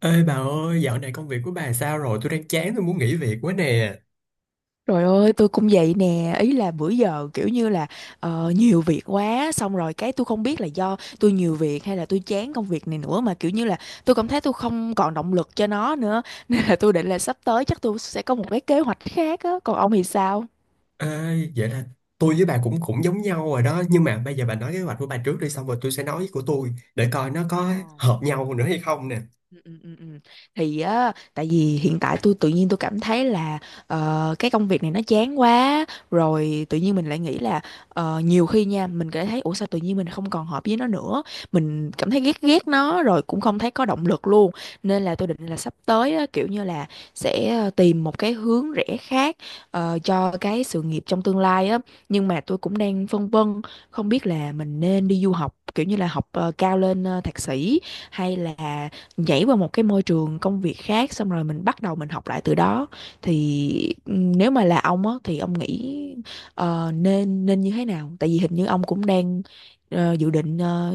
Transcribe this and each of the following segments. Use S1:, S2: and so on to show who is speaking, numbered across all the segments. S1: Ê bà ơi, dạo này công việc của bà sao rồi? Tôi đang chán, tôi muốn nghỉ việc quá nè.
S2: Trời ơi, tôi cũng vậy nè, ý là bữa giờ kiểu như là nhiều việc quá, xong rồi cái tôi không biết là do tôi nhiều việc hay là tôi chán công việc này nữa mà kiểu như là tôi cảm thấy tôi không còn động lực cho nó nữa, nên là tôi định là sắp tới chắc tôi sẽ có một cái kế hoạch khác á, còn ông thì sao?
S1: Ê, vậy là tôi với bà cũng cũng giống nhau rồi đó. Nhưng mà bây giờ bà nói kế hoạch của bà trước đi, xong rồi tôi sẽ nói của tôi để coi nó có
S2: Ờ.
S1: hợp nhau nữa hay không nè.
S2: Ừ, ừ, ừ, ừ. Thì á, tại vì hiện tại tôi tự nhiên tôi cảm thấy là cái công việc này nó chán quá, rồi tự nhiên mình lại nghĩ là nhiều khi nha mình cảm thấy ủa sao tự nhiên mình không còn hợp với nó nữa, mình cảm thấy ghét ghét nó rồi cũng không thấy có động lực luôn. Nên là tôi định là sắp tới á, kiểu như là sẽ tìm một cái hướng rẽ khác, cho cái sự nghiệp trong tương lai á. Nhưng mà tôi cũng đang phân vân, không biết là mình nên đi du học kiểu như là học cao lên thạc sĩ, hay là nhảy qua một cái môi trường công việc khác xong rồi mình bắt đầu mình học lại từ đó. Thì nếu mà là ông á thì ông nghĩ nên nên như thế nào? Tại vì hình như ông cũng đang dự định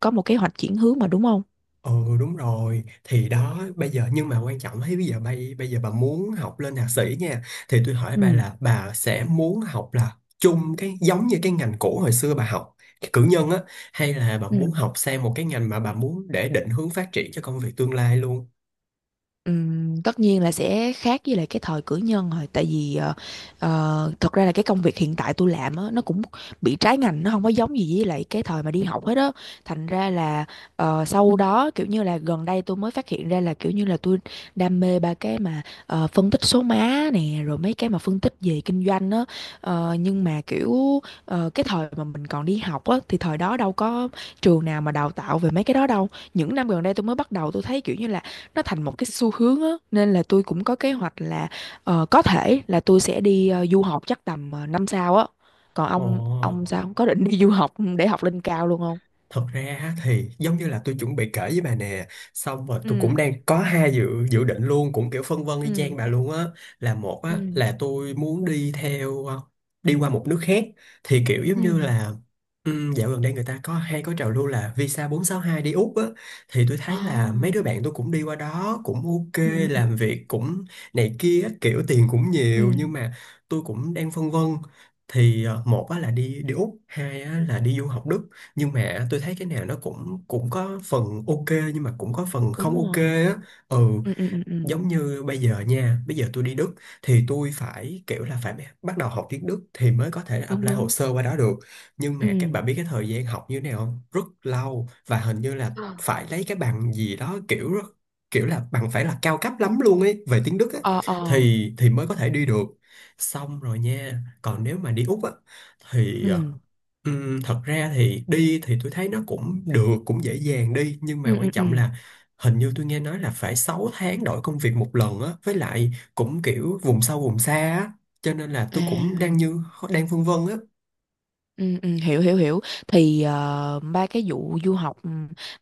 S2: có một kế hoạch chuyển hướng mà đúng không?
S1: Ừ, đúng rồi, thì đó bây giờ, nhưng mà quan trọng thấy bây giờ bây bây giờ bà muốn học lên thạc sĩ nha, thì tôi hỏi
S2: Ừ.
S1: bà là bà sẽ muốn học là chung cái giống như cái ngành cũ hồi xưa bà học cái cử nhân á, hay là bà
S2: Ừ.
S1: muốn học sang một cái ngành mà bà muốn để định hướng phát triển cho công việc tương lai luôn.
S2: Tất nhiên là sẽ khác với lại cái thời cử nhân rồi, tại vì thật ra là cái công việc hiện tại tôi làm á, nó cũng bị trái ngành, nó không có giống gì với lại cái thời mà đi học hết á. Thành ra là sau đó kiểu như là gần đây tôi mới phát hiện ra là kiểu như là tôi đam mê ba cái mà phân tích số má nè rồi mấy cái mà phân tích về kinh doanh á. Nhưng mà kiểu cái thời mà mình còn đi học á thì thời đó đâu có trường nào mà đào tạo về mấy cái đó đâu. Những năm gần đây tôi mới bắt đầu tôi thấy kiểu như là nó thành một cái xu hướng á, nên là tôi cũng có kế hoạch là có thể là tôi sẽ đi du học chắc tầm năm sau á. Còn ông
S1: Ồ,
S2: sao ông có định đi du học để học lên cao luôn không?
S1: thật ra á thì giống như là tôi chuẩn bị kể với bà nè. Xong rồi tôi cũng
S2: Ừ,
S1: đang có hai dự dự định luôn. Cũng kiểu phân vân y
S2: ừ,
S1: chang bà luôn á. Là một á,
S2: ừ,
S1: là tôi muốn đi theo đi qua một nước khác. Thì kiểu giống như
S2: ừ.
S1: là dạo gần đây người ta có hay có trào lưu là Visa 462 đi Úc á. Thì tôi
S2: Ồ.
S1: thấy là mấy đứa bạn tôi cũng đi qua đó. Cũng ok,
S2: Ừ, ừ, ừ,
S1: làm việc cũng này kia á, kiểu tiền cũng nhiều.
S2: ừ.
S1: Nhưng mà tôi cũng đang phân vân, thì một á là đi đi Úc, hai á là đi du học Đức, nhưng mà tôi thấy cái nào nó cũng cũng có phần ok, nhưng mà cũng có phần
S2: Đúng
S1: không ok
S2: rồi.
S1: á. Ừ,
S2: Ừ, ừ, ừ, ừ.
S1: giống như bây giờ nha, bây giờ tôi đi Đức thì tôi phải kiểu là phải bắt đầu học tiếng Đức thì mới có thể
S2: Đúng,
S1: apply hồ
S2: đúng.
S1: sơ qua đó được, nhưng
S2: Ừ,
S1: mà các bạn biết cái thời gian học như thế nào không, rất lâu, và hình như là
S2: ừ.
S1: phải lấy cái bằng gì đó kiểu rất, kiểu là bằng phải là cao cấp lắm luôn ấy về tiếng Đức á,
S2: Ờ, ờ.
S1: thì mới
S2: Ừ,
S1: có thể đi được. Xong rồi nha, còn nếu mà đi Úc á thì
S2: ừ,
S1: thật ra thì đi thì tôi thấy nó cũng được, cũng dễ dàng đi, nhưng mà
S2: ừ,
S1: quan
S2: ừ, ừ.
S1: trọng là hình như tôi nghe nói là phải 6 tháng đổi công việc một lần á, với lại cũng kiểu vùng sâu vùng xa á, cho nên là tôi cũng đang
S2: À.
S1: như đang vương vân á.
S2: Ừ, ừ, hiểu, hiểu, hiểu. Thì ba cái vụ du học,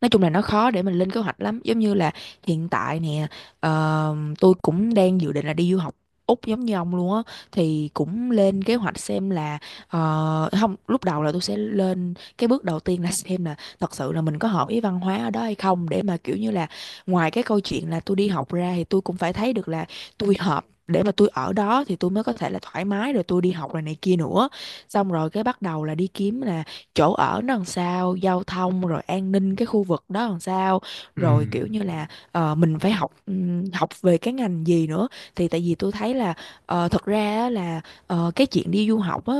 S2: nói chung là nó khó để mình lên kế hoạch lắm. Giống như là hiện tại nè, tôi cũng đang dự định là đi du học Úc giống như ông luôn á. Thì cũng lên kế hoạch xem là không, lúc đầu là tôi sẽ lên cái bước đầu tiên là xem là thật sự là mình có hợp với văn hóa ở đó hay không, để mà kiểu như là ngoài cái câu chuyện là tôi đi học ra thì tôi cũng phải thấy được là tôi hợp để mà tôi ở đó thì tôi mới có thể là thoải mái rồi tôi đi học rồi này kia nữa. Xong rồi cái bắt đầu là đi kiếm là chỗ ở nó làm sao, giao thông rồi an ninh cái khu vực đó làm sao, rồi
S1: Ừm,
S2: kiểu như là mình phải học học về cái ngành gì nữa. Thì tại vì tôi thấy là thật ra á là cái chuyện đi du học á,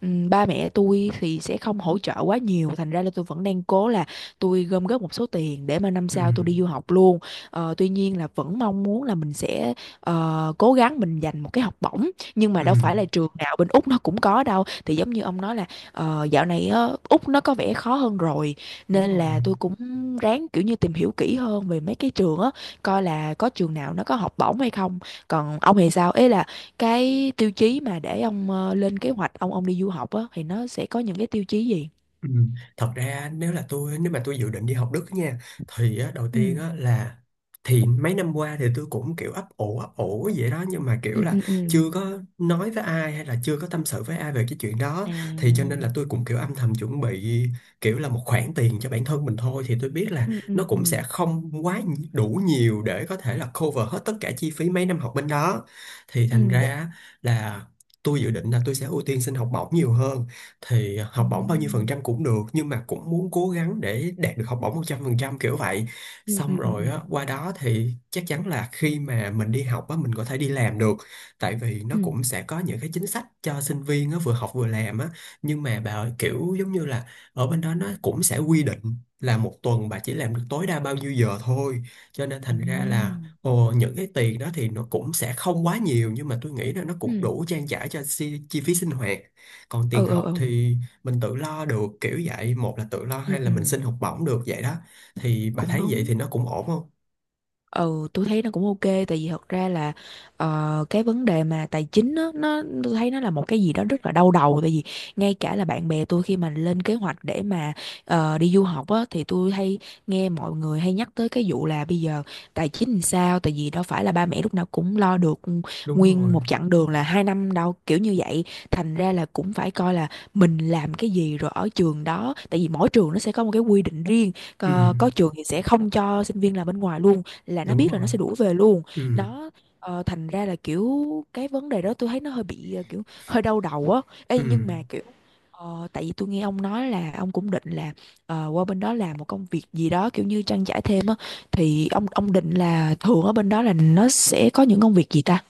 S2: ba mẹ tôi thì sẽ không hỗ trợ quá nhiều, thành ra là tôi vẫn đang cố là tôi gom góp một số tiền để mà năm sau tôi đi
S1: ừm,
S2: du học luôn. Tuy nhiên là vẫn mong muốn là mình sẽ cố gắng mình dành một cái học bổng, nhưng mà đâu phải là
S1: ừm,
S2: trường nào bên Úc nó cũng có đâu. Thì giống như ông nói là dạo này á, Úc nó có vẻ khó hơn rồi,
S1: đúng
S2: nên
S1: rồi.
S2: là tôi cũng ráng kiểu như tìm hiểu kỹ hơn về mấy cái trường á, coi là có trường nào nó có học bổng hay không. Còn ông thì sao, ấy là cái tiêu chí mà để ông lên kế hoạch ông đi du học á thì nó sẽ có những cái tiêu chí gì?
S1: Ừ. Thật ra nếu mà tôi dự định đi học Đức nha, thì á, đầu tiên
S2: Ừ,
S1: á, là thì mấy năm qua thì tôi cũng kiểu ấp ủ vậy đó, nhưng mà kiểu
S2: ừ,
S1: là
S2: ừ, ừ.
S1: chưa có nói với ai hay là chưa có tâm sự với ai về cái chuyện đó, thì cho nên
S2: À.
S1: là tôi cũng kiểu âm thầm chuẩn bị, kiểu là một khoản tiền cho bản thân mình thôi, thì tôi biết là
S2: Ừ,
S1: nó
S2: ừ, ừ,
S1: cũng sẽ không quá đủ nhiều để có thể là cover hết tất cả chi phí mấy năm học bên đó, thì
S2: ừ,
S1: thành ra á, là tôi dự định là tôi sẽ ưu tiên xin học bổng nhiều hơn. Thì học
S2: ừ,
S1: bổng bao nhiêu phần trăm cũng được, nhưng mà cũng muốn cố gắng để đạt được học bổng 100% kiểu vậy.
S2: ừ, ừ,
S1: Xong
S2: ừ,
S1: rồi
S2: ừ,
S1: á, qua đó thì chắc chắn là khi mà mình đi học á, mình có thể đi làm được, tại vì nó
S2: ừ,
S1: cũng sẽ có những cái chính sách cho sinh viên á, vừa học vừa làm á. Nhưng mà bà ơi, kiểu giống như là ở bên đó nó cũng sẽ quy định là một tuần bà chỉ làm được tối đa bao nhiêu giờ thôi, cho nên
S2: ừ,
S1: thành ra là, ồ, những cái tiền đó thì nó cũng sẽ không quá nhiều, nhưng mà tôi nghĩ là nó cũng
S2: ừ,
S1: đủ trang trải cho chi phí sinh hoạt. Còn tiền
S2: ừ,
S1: học
S2: ừ,
S1: thì mình tự lo được kiểu vậy, một là tự lo
S2: ừ,
S1: hay là
S2: ừ.
S1: mình xin học bổng được vậy đó. Thì bà
S2: Cũng
S1: thấy vậy
S2: đúng.
S1: thì nó cũng ổn không?
S2: Ừ, tôi thấy nó cũng OK, tại vì thật ra là cái vấn đề mà tài chính á, nó tôi thấy nó là một cái gì đó rất là đau đầu. Tại vì ngay cả là bạn bè tôi khi mà lên kế hoạch để mà đi du học á thì tôi hay nghe mọi người hay nhắc tới cái vụ là bây giờ tài chính làm sao. Tại vì đâu phải là ba mẹ lúc nào cũng lo được
S1: Đúng
S2: nguyên
S1: rồi.
S2: một chặng đường là hai năm đâu kiểu như vậy, thành ra là cũng phải coi là mình làm cái gì rồi ở trường đó. Tại vì mỗi trường nó sẽ có một cái quy định riêng,
S1: Ừ,
S2: có trường thì sẽ không cho sinh viên làm bên ngoài luôn, là nó
S1: đúng
S2: biết là nó
S1: rồi.
S2: sẽ đuổi về luôn
S1: Ừ,
S2: đó. Thành ra là kiểu cái vấn đề đó tôi thấy nó hơi bị kiểu hơi đau đầu á.
S1: ừ.
S2: Ê, nhưng mà kiểu tại vì tôi nghe ông nói là ông cũng định là qua bên đó làm một công việc gì đó kiểu như trang trải thêm á, thì ông định là thường ở bên đó là nó sẽ có những công việc gì ta?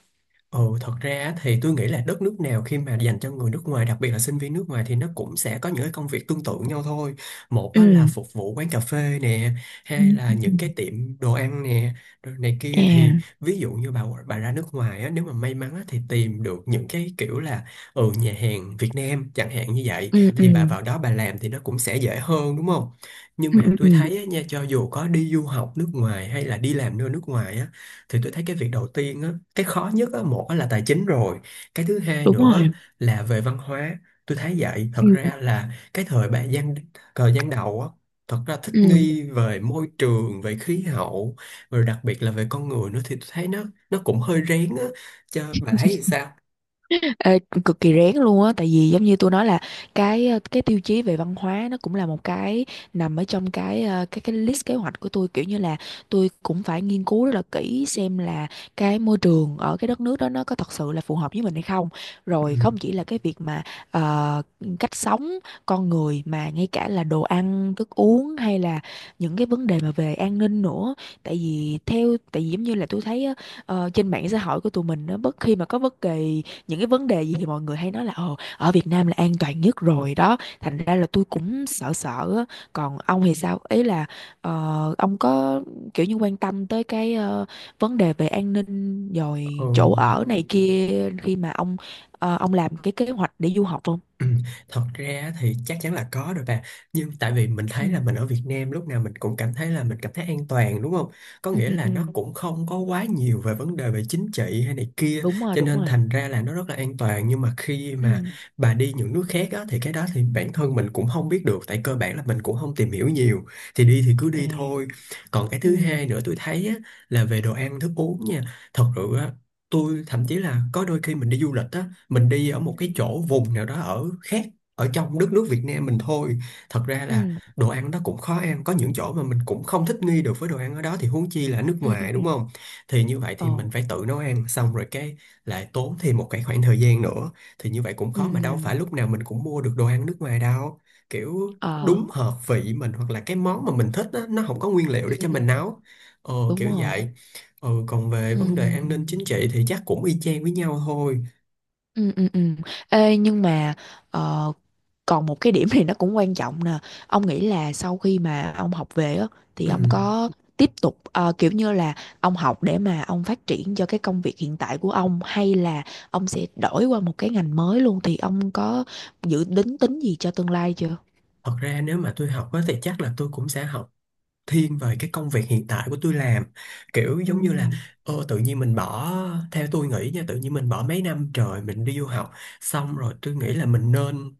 S1: Ừ, thật ra á thì tôi nghĩ là đất nước nào khi mà dành cho người nước ngoài, đặc biệt là sinh viên nước ngoài, thì nó cũng sẽ có những cái công việc tương tự nhau thôi. Một
S2: Ừ,
S1: á là phục vụ quán cà phê nè,
S2: ừ.
S1: hai là những cái tiệm đồ ăn nè, rồi này kia. Thì
S2: À.
S1: ví dụ như bà ra nước ngoài á, nếu mà may mắn á, thì tìm được những cái kiểu là, ừ, nhà hàng Việt Nam chẳng hạn, như vậy
S2: Ừ,
S1: thì bà
S2: ừ,
S1: vào đó bà làm thì nó cũng sẽ dễ hơn, đúng không? Nhưng
S2: ừ,
S1: mà
S2: ừ, ừ.
S1: tôi thấy á, nha, cho dù có đi du học nước ngoài hay là đi làm nơi nước ngoài á, thì tôi thấy cái việc đầu tiên á, cái khó nhất á, một á là tài chính rồi, cái thứ hai
S2: Đúng
S1: nữa
S2: rồi.
S1: là về văn hóa. Tôi thấy vậy, thật
S2: Ừ,
S1: ra là cái thời gian đầu á, thật ra thích
S2: ừ.
S1: nghi về môi trường, về khí hậu, rồi đặc biệt là về con người nữa, thì tôi thấy nó cũng hơi rén á. Cho bà thấy thì sao?
S2: Ê, cực kỳ rén luôn á, tại vì giống như tôi nói là cái cái tiêu chí về văn hóa nó cũng là một cái nằm ở trong cái ờ, cái list kế hoạch của tôi, kiểu như là tôi cũng phải nghiên cứu rất là kỹ xem là cái môi trường ở cái đất nước đó nó có thật sự là phù hợp với mình hay không.
S1: Ừ.
S2: Rồi không chỉ là cái việc mà ờ, cách sống con người mà ngay cả là đồ ăn thức uống hay là những cái vấn đề mà về an ninh nữa, tại vì giống như là tôi thấy á, trên mạng xã hội của tụi mình nó bất khi mà có bất kỳ những cái vấn đề gì thì mọi người hay nói là ồ ở Việt Nam là an toàn nhất rồi đó. Thành ra là tôi cũng sợ sợ á. Còn ông thì sao, ý là ông có kiểu như quan tâm tới cái vấn đề về an ninh
S1: Ừ.
S2: rồi chỗ ở này kia khi mà ông làm cái kế hoạch để du học không?
S1: Ừ, thật ra á thì chắc chắn là có rồi bà, nhưng tại vì mình
S2: Ừ.
S1: thấy là mình ở Việt Nam lúc nào mình cũng cảm thấy là mình cảm thấy an toàn, đúng không, có
S2: Ừ,
S1: nghĩa
S2: ừ,
S1: là
S2: ừ.
S1: nó cũng không có quá nhiều về vấn đề về chính trị hay này kia,
S2: Đúng rồi,
S1: cho
S2: đúng
S1: nên
S2: rồi.
S1: thành ra là nó rất là an toàn. Nhưng mà khi mà
S2: Ừ.
S1: bà đi những nước khác á, thì cái đó thì bản thân mình cũng không biết được, tại cơ bản là mình cũng không tìm hiểu nhiều, thì đi thì cứ
S2: Ừ,
S1: đi thôi. Còn cái thứ hai
S2: ừ.
S1: nữa tôi thấy á, là về đồ ăn thức uống nha. Thật sự á, tôi thậm chí là có đôi khi mình đi du lịch á, mình đi ở một
S2: Ừ.
S1: cái chỗ vùng nào đó ở khác, ở trong đất nước Việt Nam mình thôi, thật ra là
S2: Ừ,
S1: đồ ăn đó cũng khó ăn, có những chỗ mà mình cũng không thích nghi được với đồ ăn ở đó, thì huống chi là nước
S2: ừ, ừ,
S1: ngoài,
S2: ừ.
S1: đúng không. Thì như vậy
S2: Ồ.
S1: thì mình phải tự nấu ăn, xong rồi cái lại tốn thêm một cái khoảng thời gian nữa, thì như vậy cũng khó, mà đâu phải
S2: Ừ.
S1: lúc nào mình cũng mua được đồ ăn nước ngoài đâu, kiểu
S2: Ờ.
S1: đúng hợp vị mình, hoặc là cái món mà mình thích đó, nó không có nguyên liệu
S2: Ừ,
S1: để cho mình
S2: ừ.
S1: nấu,
S2: Đúng
S1: kiểu
S2: rồi.
S1: vậy. Ừ, còn về vấn đề an ninh
S2: Ừ.
S1: chính trị thì chắc cũng y chang với nhau thôi.
S2: Ừ, ừ, ừ. Ê, nhưng mà ờ, còn một cái điểm thì nó cũng quan trọng nè. Ông nghĩ là sau khi mà ông học về á, thì
S1: Ừ.
S2: ông có tiếp tục kiểu như là ông học để mà ông phát triển cho cái công việc hiện tại của ông hay là ông sẽ đổi qua một cái ngành mới luôn, thì ông có dự định tính gì cho tương lai chưa?
S1: Thật ra nếu mà tôi học á, thì chắc là tôi cũng sẽ học thiên về cái công việc hiện tại của tôi làm, kiểu
S2: Ừ.
S1: giống như là, ô, tự nhiên mình bỏ, theo tôi nghĩ nha, tự nhiên mình bỏ mấy năm trời mình đi du học, xong rồi tôi nghĩ là mình nên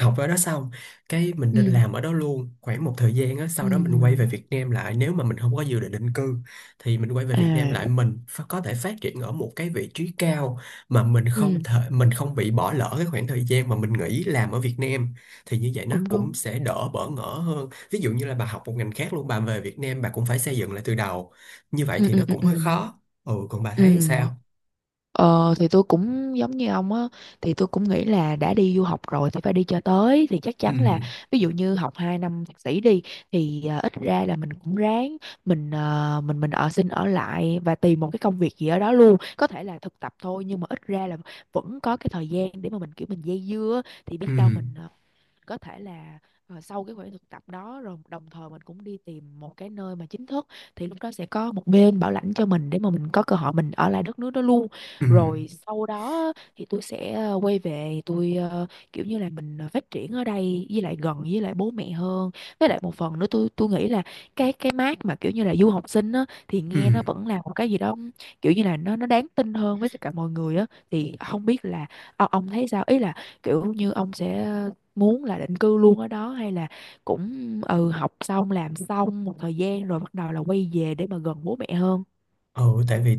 S1: học ở đó xong cái mình nên
S2: Ừ.
S1: làm ở đó luôn khoảng một thời gian á, sau đó mình quay về
S2: Ừ.
S1: Việt Nam lại, nếu mà mình không có dự định định cư thì mình quay về Việt Nam
S2: À.
S1: lại, mình có thể phát triển ở một cái vị trí cao, mà mình không
S2: Ừ.
S1: thể, mình không bị bỏ lỡ cái khoảng thời gian mà mình nghỉ làm ở Việt Nam, thì như vậy nó
S2: Cũng
S1: cũng
S2: đúng.
S1: sẽ đỡ bỡ ngỡ hơn. Ví dụ như là bà học một ngành khác luôn, bà về Việt Nam bà cũng phải xây dựng lại từ đầu, như vậy
S2: Ừ.
S1: thì
S2: Ừ.
S1: nó
S2: Ừ.
S1: cũng
S2: Ừ.
S1: hơi khó. Ừ, còn bà thấy
S2: Ừ.
S1: sao?
S2: Thì tôi cũng giống như ông á, thì tôi cũng nghĩ là đã đi du học rồi thì phải đi cho tới, thì chắc
S1: Ừ,
S2: chắn là ví dụ như học 2 năm thạc sĩ đi, thì à, ít ra là mình cũng ráng mình ờ, mình ở xin ở lại và tìm một cái công việc gì ở đó luôn, có thể là thực tập thôi. Nhưng mà ít ra là vẫn có cái thời gian để mà mình kiểu mình dây dưa á, thì
S1: ừ,
S2: biết đâu mình có thể là sau cái khoảng thực tập đó rồi đồng thời mình cũng đi tìm một cái nơi mà chính thức, thì lúc đó sẽ có một bên bảo lãnh cho mình để mà mình có cơ hội mình ở lại đất nước đó luôn.
S1: ừ,
S2: Rồi sau đó thì tôi sẽ quay về tôi kiểu như là mình phát triển ở đây với lại gần với lại bố mẹ hơn. Với lại một phần nữa tôi nghĩ là cái mác mà kiểu như là du học sinh á thì
S1: ừ.
S2: nghe nó vẫn là một cái gì đó kiểu như là nó đáng tin hơn với tất cả mọi người á. Thì không biết là ông thấy sao, ý là kiểu như ông sẽ muốn là định cư luôn ở đó hay là cũng học xong làm xong một thời gian rồi bắt đầu là quay về để mà gần bố mẹ hơn?
S1: Ừ, tại vì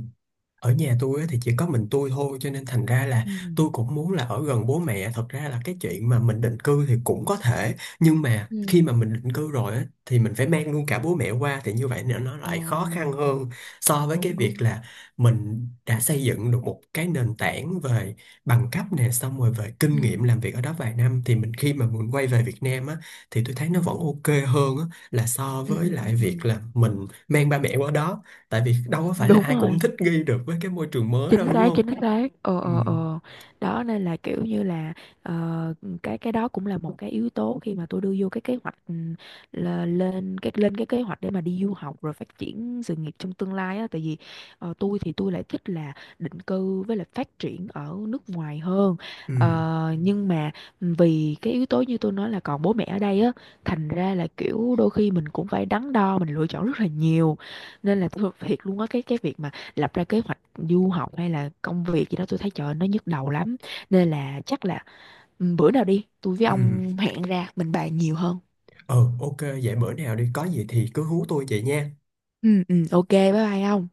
S1: ở nhà tôi á thì chỉ có mình tôi thôi, cho nên thành ra là
S2: Ừ,
S1: tôi cũng muốn là ở gần bố mẹ. Thật ra là cái chuyện mà mình định cư thì cũng có thể, nhưng mà
S2: ừ.
S1: khi mà mình định cư rồi á thì mình phải mang luôn cả bố mẹ qua, thì như vậy nó
S2: Ờ,
S1: lại khó khăn hơn so với cái
S2: đúng,
S1: việc
S2: đúng.
S1: là mình đã xây dựng được một cái nền tảng về bằng cấp nè, xong rồi về kinh nghiệm
S2: Ừ,
S1: làm việc ở đó vài năm, thì mình khi mà mình quay về Việt Nam á, thì tôi thấy nó vẫn ok hơn á, là so
S2: ừ,
S1: với
S2: ừ, ừ,
S1: lại
S2: ừ.
S1: việc là mình mang ba mẹ qua đó, tại vì đâu có phải là
S2: Đúng
S1: ai cũng
S2: rồi.
S1: thích nghi được với cái môi trường mới
S2: Chính
S1: đâu, đúng
S2: xác,
S1: không.
S2: chính xác. Ờ,
S1: Ừ.
S2: ờ, ờ. Đó, nên là kiểu như là ờ, cái đó cũng là một cái yếu tố khi mà tôi đưa vô cái kế hoạch, là lên cái kế hoạch để mà đi du học rồi phát triển sự nghiệp trong tương lai á. Tại vì tôi thì tôi lại thích là định cư với lại phát triển ở nước ngoài hơn.
S1: Ừ,
S2: Nhưng mà vì cái yếu tố như tôi nói là còn bố mẹ ở đây á, thành ra là kiểu đôi khi mình cũng phải đắn đo mình lựa chọn rất là nhiều. Nên là tôi thiệt luôn á, cái việc mà lập ra kế hoạch du học hay là công việc gì đó tôi thấy trời ơi, nó nhức đầu lắm. Nên là chắc là bữa nào đi tôi với
S1: ừ.
S2: ông hẹn ra mình bàn nhiều hơn.
S1: Ừ, ok, vậy bữa nào đi có gì thì cứ hú tôi vậy nha.
S2: Ừ, ừ. OK, bye bye ông.